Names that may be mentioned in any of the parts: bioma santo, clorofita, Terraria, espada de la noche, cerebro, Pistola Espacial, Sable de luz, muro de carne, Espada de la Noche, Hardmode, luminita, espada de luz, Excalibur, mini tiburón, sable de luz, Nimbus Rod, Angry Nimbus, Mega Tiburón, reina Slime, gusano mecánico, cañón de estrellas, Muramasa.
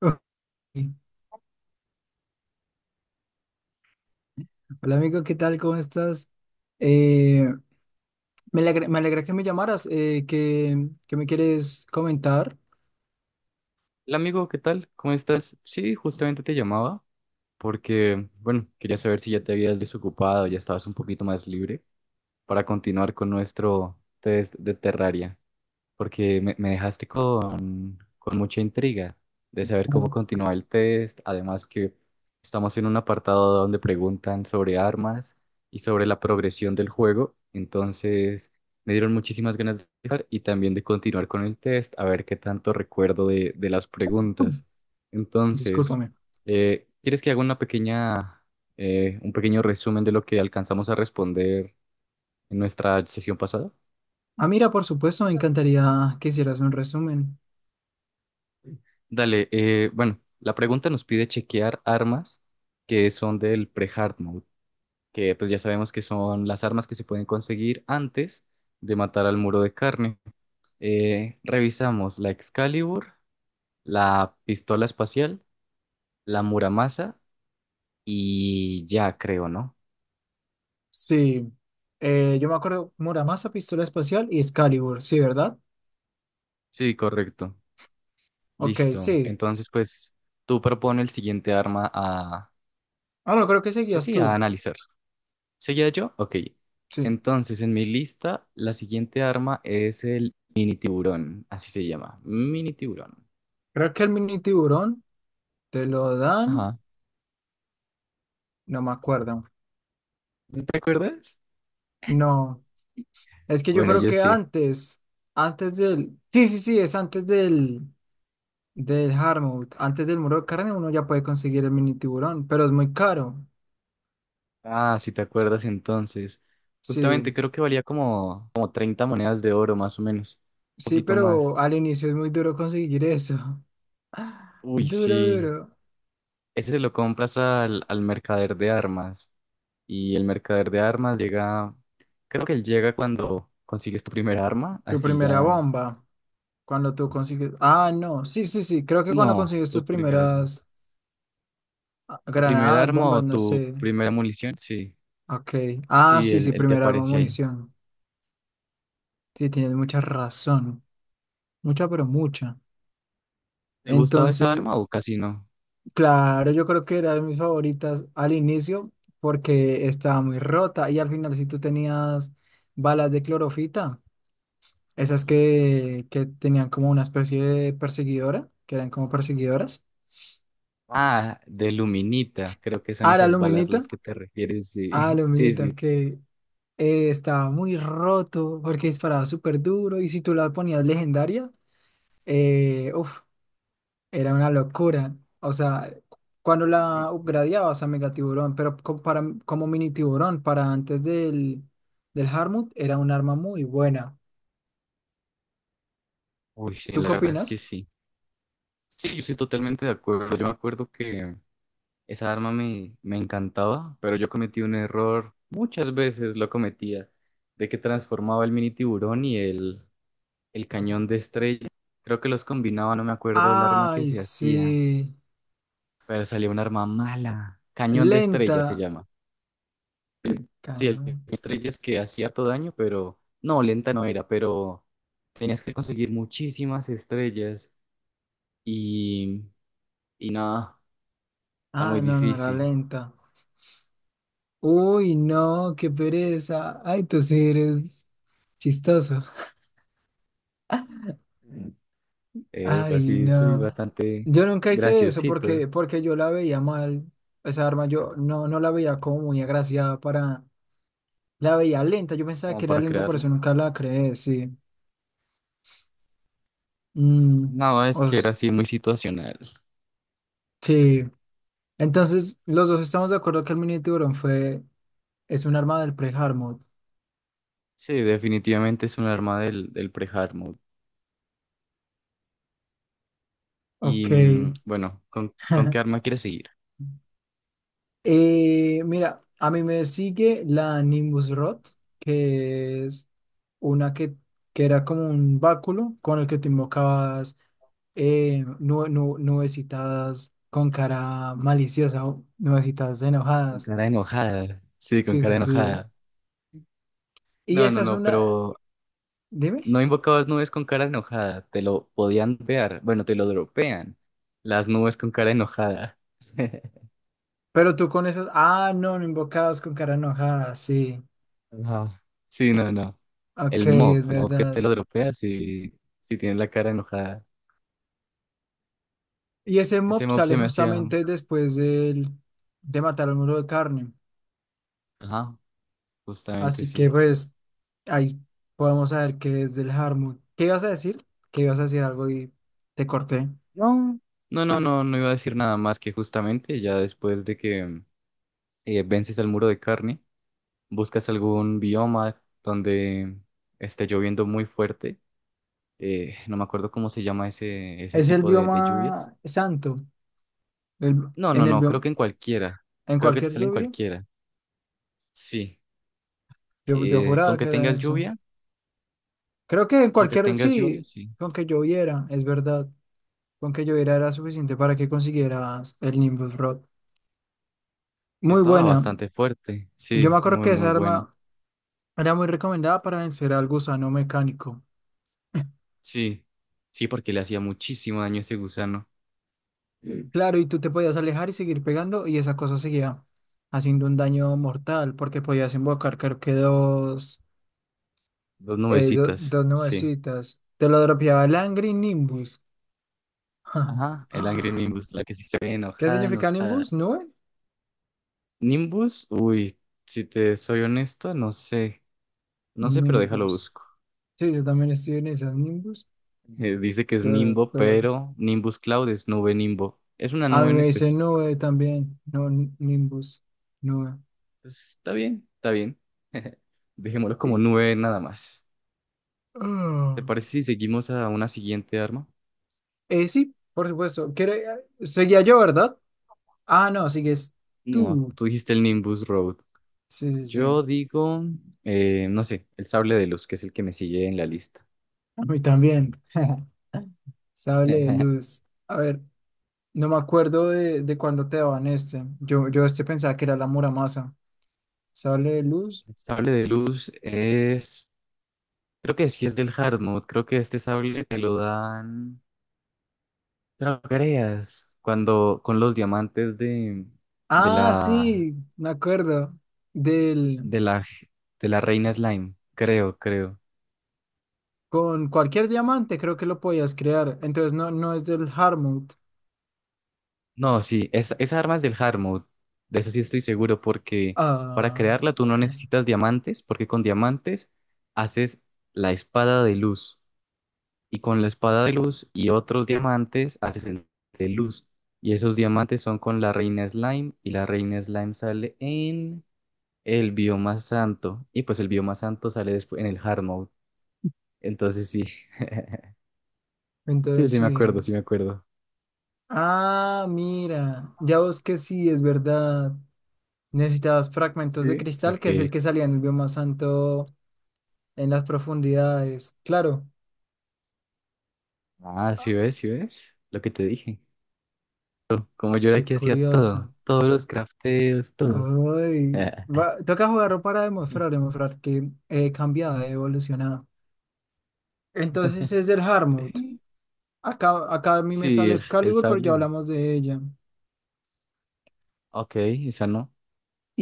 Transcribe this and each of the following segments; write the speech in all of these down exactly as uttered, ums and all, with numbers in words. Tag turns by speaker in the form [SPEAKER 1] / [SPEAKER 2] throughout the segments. [SPEAKER 1] Ok. Hola amigo, ¿qué tal? ¿Cómo estás? Eh, me alegra, me alegra que me llamaras. eh, ¿qué, qué me quieres comentar?
[SPEAKER 2] Hola amigo, ¿qué tal? ¿Cómo estás? Sí, justamente te llamaba porque, bueno, quería saber si ya te habías desocupado, ya estabas un poquito más libre para continuar con nuestro test de Terraria porque me, me dejaste con, con mucha intriga de saber cómo continúa el test. Además que estamos en un apartado donde preguntan sobre armas y sobre la progresión del juego. Entonces me dieron muchísimas ganas de jugar y también de continuar con el test, a ver qué tanto recuerdo de, de las
[SPEAKER 1] Mm,
[SPEAKER 2] preguntas. Entonces,
[SPEAKER 1] Discúlpame.
[SPEAKER 2] eh, ¿quieres que haga una pequeña, eh, un pequeño resumen de lo que alcanzamos a responder en nuestra sesión pasada?
[SPEAKER 1] Ah, mira, por supuesto, me encantaría que hicieras un resumen.
[SPEAKER 2] Dale, eh, bueno, la pregunta nos pide chequear armas que son del pre-hard mode, que pues ya sabemos que son las armas que se pueden conseguir antes de matar al muro de carne. Eh, revisamos la Excalibur, la pistola espacial, la Muramasa y ya creo, ¿no?
[SPEAKER 1] Sí, eh, yo me acuerdo Muramasa, Pistola Espacial y Excalibur, sí, ¿verdad?
[SPEAKER 2] Sí, correcto.
[SPEAKER 1] Ok,
[SPEAKER 2] Listo.
[SPEAKER 1] sí.
[SPEAKER 2] Entonces, pues tú propone el siguiente arma a,
[SPEAKER 1] Ah, no, creo que
[SPEAKER 2] pues
[SPEAKER 1] seguías
[SPEAKER 2] sí, a
[SPEAKER 1] tú.
[SPEAKER 2] analizar. ¿Seguía yo? Ok.
[SPEAKER 1] Sí.
[SPEAKER 2] Entonces, en mi lista, la siguiente arma es el mini tiburón. Así se llama. Mini tiburón.
[SPEAKER 1] Creo que el mini tiburón te lo dan.
[SPEAKER 2] Ajá.
[SPEAKER 1] No me acuerdo.
[SPEAKER 2] ¿No te acuerdas?
[SPEAKER 1] No. Es que yo
[SPEAKER 2] Bueno,
[SPEAKER 1] creo
[SPEAKER 2] yo
[SPEAKER 1] que
[SPEAKER 2] sí.
[SPEAKER 1] antes, antes del, Sí, sí, sí, es antes del, del Hardmode, antes del muro de carne uno ya puede conseguir el mini tiburón, pero es muy caro.
[SPEAKER 2] Ah, si te acuerdas entonces. Justamente
[SPEAKER 1] Sí,
[SPEAKER 2] creo que valía como, como treinta monedas de oro, más o menos. Un
[SPEAKER 1] sí,
[SPEAKER 2] poquito más.
[SPEAKER 1] pero al inicio es muy duro conseguir eso.
[SPEAKER 2] Uy,
[SPEAKER 1] Duro,
[SPEAKER 2] sí.
[SPEAKER 1] duro.
[SPEAKER 2] Ese se lo compras al, al mercader de armas. Y el mercader de armas llega. Creo que él llega cuando consigues tu primera arma.
[SPEAKER 1] Tu
[SPEAKER 2] Así
[SPEAKER 1] primera
[SPEAKER 2] ya.
[SPEAKER 1] bomba, cuando tú consigues, ah, no, Sí, sí, sí, creo que
[SPEAKER 2] No,
[SPEAKER 1] cuando consigues
[SPEAKER 2] tu
[SPEAKER 1] tus
[SPEAKER 2] primera arma.
[SPEAKER 1] primeras ah,
[SPEAKER 2] ¿Tu primer
[SPEAKER 1] granadas,
[SPEAKER 2] arma o
[SPEAKER 1] bombas, no
[SPEAKER 2] tu
[SPEAKER 1] sé.
[SPEAKER 2] primera munición? Sí,
[SPEAKER 1] Ok, ah,
[SPEAKER 2] sí,
[SPEAKER 1] sí,
[SPEAKER 2] el,
[SPEAKER 1] sí,
[SPEAKER 2] el que
[SPEAKER 1] primer arma,
[SPEAKER 2] aparece ahí.
[SPEAKER 1] munición. Sí, tienes mucha razón, mucha, pero mucha.
[SPEAKER 2] ¿Te gustaba esa
[SPEAKER 1] Entonces,
[SPEAKER 2] arma o casi no?
[SPEAKER 1] claro, yo creo que era de mis favoritas al inicio porque estaba muy rota y al final si tú tenías balas de clorofita, esas que, que tenían como una especie de perseguidora, que eran como perseguidoras.
[SPEAKER 2] Ah, de luminita, creo que son
[SPEAKER 1] Ah, la
[SPEAKER 2] esas balas
[SPEAKER 1] luminita,
[SPEAKER 2] las que te refieres,
[SPEAKER 1] ah,
[SPEAKER 2] sí, sí, sí.
[SPEAKER 1] luminita que eh, estaba muy roto porque disparaba súper duro y si tú la ponías legendaria, era una locura. O sea, cuando la upgradeabas a Mega Tiburón, pero co- para, como mini tiburón, para antes del, del Harmut, era un arma muy buena.
[SPEAKER 2] Uy, sí,
[SPEAKER 1] ¿Tú
[SPEAKER 2] la
[SPEAKER 1] qué
[SPEAKER 2] verdad es que
[SPEAKER 1] opinas?
[SPEAKER 2] sí. Sí, yo estoy totalmente de acuerdo. Yo me acuerdo que esa arma me, me encantaba, pero yo cometí un error, muchas veces lo cometía, de que transformaba el mini tiburón y el, el cañón de estrella. Creo que los combinaba, no me acuerdo del arma que
[SPEAKER 1] Ay,
[SPEAKER 2] se hacía.
[SPEAKER 1] sí.
[SPEAKER 2] Pero salió un arma mala. Cañón de
[SPEAKER 1] Lenta.
[SPEAKER 2] estrellas se llama. Sí, el
[SPEAKER 1] Cañón.
[SPEAKER 2] cañón de estrellas que hacía todo daño, pero no, lenta no era, pero tenías que conseguir muchísimas estrellas y, y nada, está muy
[SPEAKER 1] Ah, no, no era
[SPEAKER 2] difícil.
[SPEAKER 1] lenta. Uy, no, qué pereza. Ay, tú sí eres chistoso.
[SPEAKER 2] Eh,
[SPEAKER 1] Ay,
[SPEAKER 2] así soy
[SPEAKER 1] no.
[SPEAKER 2] bastante
[SPEAKER 1] Yo nunca hice eso
[SPEAKER 2] graciosito
[SPEAKER 1] porque, porque yo la veía mal. Esa arma yo no, no la veía como muy agraciada para... la veía lenta, yo pensaba
[SPEAKER 2] como
[SPEAKER 1] que era
[SPEAKER 2] para
[SPEAKER 1] lenta, por
[SPEAKER 2] crearla.
[SPEAKER 1] eso nunca la creé, sí. Mm,
[SPEAKER 2] No, es que era
[SPEAKER 1] os-
[SPEAKER 2] así muy situacional.
[SPEAKER 1] sí. Entonces, los dos estamos de acuerdo que el mini tiburón fue, es un arma del pre-hard.
[SPEAKER 2] Sí, definitivamente es un arma del, del pre-hard mode. Y
[SPEAKER 1] Ok.
[SPEAKER 2] mm, bueno, ¿con, con qué arma quieres seguir?
[SPEAKER 1] Eh, mira, a mí me sigue la Nimbus Rot, que es una que, que era como un báculo con el que te invocabas eh, nue nu- nubecitas con cara maliciosa o nubecitas
[SPEAKER 2] Con
[SPEAKER 1] enojadas.
[SPEAKER 2] cara enojada. Sí, con
[SPEAKER 1] Sí,
[SPEAKER 2] cara
[SPEAKER 1] sí, sí.
[SPEAKER 2] enojada.
[SPEAKER 1] Y
[SPEAKER 2] No, no,
[SPEAKER 1] esa es
[SPEAKER 2] no,
[SPEAKER 1] una...
[SPEAKER 2] pero
[SPEAKER 1] Dime.
[SPEAKER 2] no invocabas nubes con cara enojada, te lo podían ver, bueno, te lo dropean, las nubes con cara enojada.
[SPEAKER 1] Pero tú con esos... ah, no, no invocabas con cara enojada, sí.
[SPEAKER 2] Ajá. Sí, no, no, el
[SPEAKER 1] Ok,
[SPEAKER 2] mob,
[SPEAKER 1] es
[SPEAKER 2] el mob que te
[SPEAKER 1] verdad.
[SPEAKER 2] lo dropea si, si tienes la cara enojada.
[SPEAKER 1] Y ese
[SPEAKER 2] Ese
[SPEAKER 1] mob
[SPEAKER 2] mob se
[SPEAKER 1] sale
[SPEAKER 2] me hacía,
[SPEAKER 1] justamente después del- De matar al muro de carne.
[SPEAKER 2] ajá, justamente
[SPEAKER 1] Así que
[SPEAKER 2] sí.
[SPEAKER 1] pues ahí podemos saber qué es del Harmut. ¿Qué ibas a decir? Que ibas a decir algo y te corté.
[SPEAKER 2] No, no, no, no, no iba a decir nada más que justamente ya después de que eh, vences al muro de carne, buscas algún bioma donde esté lloviendo muy fuerte. Eh, no me acuerdo cómo se llama ese, ese
[SPEAKER 1] Es el
[SPEAKER 2] tipo de, de lluvias.
[SPEAKER 1] bioma santo. El-
[SPEAKER 2] No, no,
[SPEAKER 1] en el
[SPEAKER 2] no, creo
[SPEAKER 1] bioma,
[SPEAKER 2] que en cualquiera.
[SPEAKER 1] en
[SPEAKER 2] Creo que te
[SPEAKER 1] cualquier
[SPEAKER 2] salen
[SPEAKER 1] lluvia.
[SPEAKER 2] cualquiera. Sí.
[SPEAKER 1] Yo, yo
[SPEAKER 2] Eh, con
[SPEAKER 1] juraba
[SPEAKER 2] que
[SPEAKER 1] que era en
[SPEAKER 2] tengas
[SPEAKER 1] el santo.
[SPEAKER 2] lluvia,
[SPEAKER 1] Creo que en
[SPEAKER 2] con que
[SPEAKER 1] cualquier,
[SPEAKER 2] tengas lluvia,
[SPEAKER 1] sí,
[SPEAKER 2] sí.
[SPEAKER 1] con que lloviera, es verdad. Con que lloviera era suficiente para que consiguieras el Nimbus Rod.
[SPEAKER 2] Sí,
[SPEAKER 1] Muy
[SPEAKER 2] estaba
[SPEAKER 1] buena.
[SPEAKER 2] bastante fuerte.
[SPEAKER 1] Yo me
[SPEAKER 2] Sí,
[SPEAKER 1] acuerdo
[SPEAKER 2] muy,
[SPEAKER 1] que
[SPEAKER 2] muy
[SPEAKER 1] esa
[SPEAKER 2] bueno.
[SPEAKER 1] arma era muy recomendada para vencer al gusano mecánico.
[SPEAKER 2] Sí, sí, porque le hacía muchísimo daño ese gusano. Mm.
[SPEAKER 1] Claro, y tú te podías alejar y seguir pegando y esa cosa seguía haciendo un daño mortal porque podías invocar creo que dos,
[SPEAKER 2] Dos
[SPEAKER 1] eh, do-
[SPEAKER 2] nubecitas,
[SPEAKER 1] dos
[SPEAKER 2] sí.
[SPEAKER 1] nubecitas. Te lo dropeaba el Angry Nimbus.
[SPEAKER 2] Ajá, el Angry Nimbus, la que sí se ve
[SPEAKER 1] ¿Qué
[SPEAKER 2] enojada,
[SPEAKER 1] significa
[SPEAKER 2] enojada.
[SPEAKER 1] Nimbus? ¿Nube?
[SPEAKER 2] Nimbus, uy, si te soy honesto, no sé. No sé, pero déjalo
[SPEAKER 1] Nimbus.
[SPEAKER 2] busco.
[SPEAKER 1] Sí, yo también estoy en esas Nimbus.
[SPEAKER 2] Eh, dice que es Nimbo,
[SPEAKER 1] Doctor.
[SPEAKER 2] pero Nimbus Cloud es nube Nimbo. Es una
[SPEAKER 1] A
[SPEAKER 2] nube
[SPEAKER 1] mí
[SPEAKER 2] en
[SPEAKER 1] me dice
[SPEAKER 2] específico.
[SPEAKER 1] nube también, no n- Nimbus, nube.
[SPEAKER 2] Pues, está bien, está bien. Dejémoslo como
[SPEAKER 1] Y-
[SPEAKER 2] nube nada más. ¿Te
[SPEAKER 1] ah.
[SPEAKER 2] parece si seguimos a una siguiente arma?
[SPEAKER 1] Eh, sí, por supuesto. ¿Quiere- eh, ¿Seguía yo, verdad? Ah, no, sigues
[SPEAKER 2] No,
[SPEAKER 1] tú.
[SPEAKER 2] tú dijiste el Nimbus Road.
[SPEAKER 1] Sí, sí, sí.
[SPEAKER 2] Yo digo, eh, no sé, el sable de luz, que es el que me sigue en la lista.
[SPEAKER 1] A mí también. Sable de luz. A ver, no me acuerdo de, de cuándo te daban este. Yo, yo este pensaba que era la Muramasa. Sable de luz.
[SPEAKER 2] El sable de luz es, creo que sí es del hard mode. Creo que este sable te lo dan, no creas, cuando con los diamantes de, de
[SPEAKER 1] Ah,
[SPEAKER 2] la
[SPEAKER 1] sí, me acuerdo. Del,
[SPEAKER 2] de la, de la reina Slime, creo, creo.
[SPEAKER 1] con cualquier diamante creo que lo podías crear. Entonces no, no es del Harmut.
[SPEAKER 2] No, sí, es, esa arma es del hard mode, de eso sí estoy seguro, porque para
[SPEAKER 1] Ah.
[SPEAKER 2] crearla tú no necesitas diamantes, porque con diamantes haces la espada de luz, y con la espada de luz y otros diamantes haces el de luz, y esos diamantes son con la reina Slime, y la reina Slime sale en el bioma santo, y pues el bioma santo sale después en el hard mode, entonces sí, sí,
[SPEAKER 1] Entonces
[SPEAKER 2] sí me
[SPEAKER 1] sí.
[SPEAKER 2] acuerdo, sí me acuerdo.
[SPEAKER 1] Ah, mira. Ya vos que sí, es verdad. Necesitabas fragmentos de
[SPEAKER 2] Sí,
[SPEAKER 1] cristal, que es el
[SPEAKER 2] ok.
[SPEAKER 1] que salía en el bioma santo en las profundidades. Claro.
[SPEAKER 2] Ah, sí
[SPEAKER 1] Ah,
[SPEAKER 2] ves, sí ves, lo que te dije. Como yo era
[SPEAKER 1] qué
[SPEAKER 2] que hacía todo,
[SPEAKER 1] curioso.
[SPEAKER 2] todos los crafteos, todo.
[SPEAKER 1] Ay, va- toca jugarlo para demostrar, demostrar que he cambiado, he evolucionado. Entonces es del Hardmode. Acá, acá a mí me
[SPEAKER 2] Sí,
[SPEAKER 1] sale
[SPEAKER 2] el, el
[SPEAKER 1] Excalibur, pero ya
[SPEAKER 2] sable. es-
[SPEAKER 1] hablamos de ella.
[SPEAKER 2] Ok, esa no.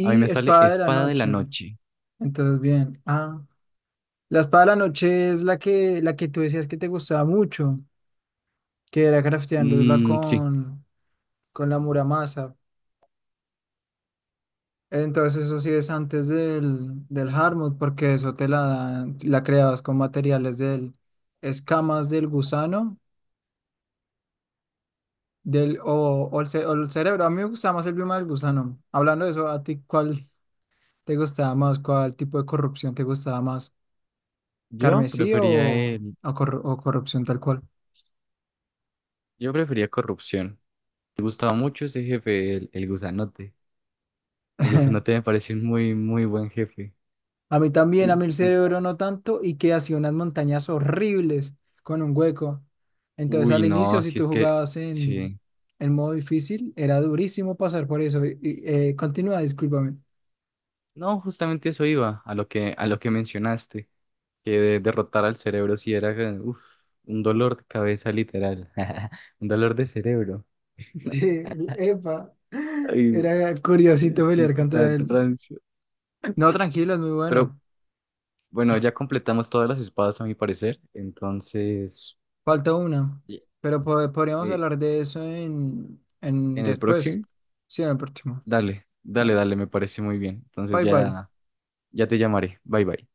[SPEAKER 2] A mí me sale
[SPEAKER 1] Espada de la
[SPEAKER 2] espada de la
[SPEAKER 1] Noche.
[SPEAKER 2] noche.
[SPEAKER 1] Entonces, bien. Ah. La espada de la noche es la que, la que tú decías que te gustaba mucho, que era crafteándola
[SPEAKER 2] Mm, sí,
[SPEAKER 1] con, con la Muramasa. Entonces eso sí es antes del, del Hardmode, porque eso te la dan- la creabas con materiales del escamas del gusano del, o, o el, ce- o el cerebro. A mí me gustaba más el bioma del gusano. Hablando de eso, ¿a ti cuál te gustaba más? ¿Cuál tipo de corrupción te gustaba más?
[SPEAKER 2] yo
[SPEAKER 1] ¿Carmesí o,
[SPEAKER 2] prefería el,
[SPEAKER 1] o corru- o corrupción tal cual?
[SPEAKER 2] yo prefería corrupción. Me gustaba mucho ese jefe, el, el gusanote. El gusanote me pareció un muy, muy buen jefe.
[SPEAKER 1] A mí también, a mí el
[SPEAKER 2] En-
[SPEAKER 1] cerebro no tanto y que hacía unas montañas horribles con un hueco. Entonces
[SPEAKER 2] Uy,
[SPEAKER 1] al
[SPEAKER 2] no,
[SPEAKER 1] inicio, si
[SPEAKER 2] si es
[SPEAKER 1] tú
[SPEAKER 2] que,
[SPEAKER 1] jugabas en,
[SPEAKER 2] sí.
[SPEAKER 1] en modo difícil, era durísimo pasar por eso. Y, y, eh, continúa, discúlpame.
[SPEAKER 2] No, justamente eso iba, a lo que, a lo que mencionaste. Que de- derrotar al cerebro sí era eh, uf, un dolor de cabeza literal, un dolor de cerebro.
[SPEAKER 1] Sí, epa.
[SPEAKER 2] Ay,
[SPEAKER 1] Era
[SPEAKER 2] qué
[SPEAKER 1] curiosito pelear
[SPEAKER 2] chiste tan
[SPEAKER 1] contra él.
[SPEAKER 2] rancio.
[SPEAKER 1] No, tranquilo, es muy
[SPEAKER 2] Pero
[SPEAKER 1] bueno.
[SPEAKER 2] bueno, ya completamos todas las espadas a mi parecer, entonces
[SPEAKER 1] Falta una.
[SPEAKER 2] ye-
[SPEAKER 1] Pero po- podríamos
[SPEAKER 2] eh,
[SPEAKER 1] hablar de eso en, en
[SPEAKER 2] en el
[SPEAKER 1] después.
[SPEAKER 2] próximo,
[SPEAKER 1] Sí, en el próximo.
[SPEAKER 2] dale, dale,
[SPEAKER 1] Dale.
[SPEAKER 2] dale, me parece muy bien. Entonces
[SPEAKER 1] Bye bye.
[SPEAKER 2] ya, ya te llamaré. Bye bye.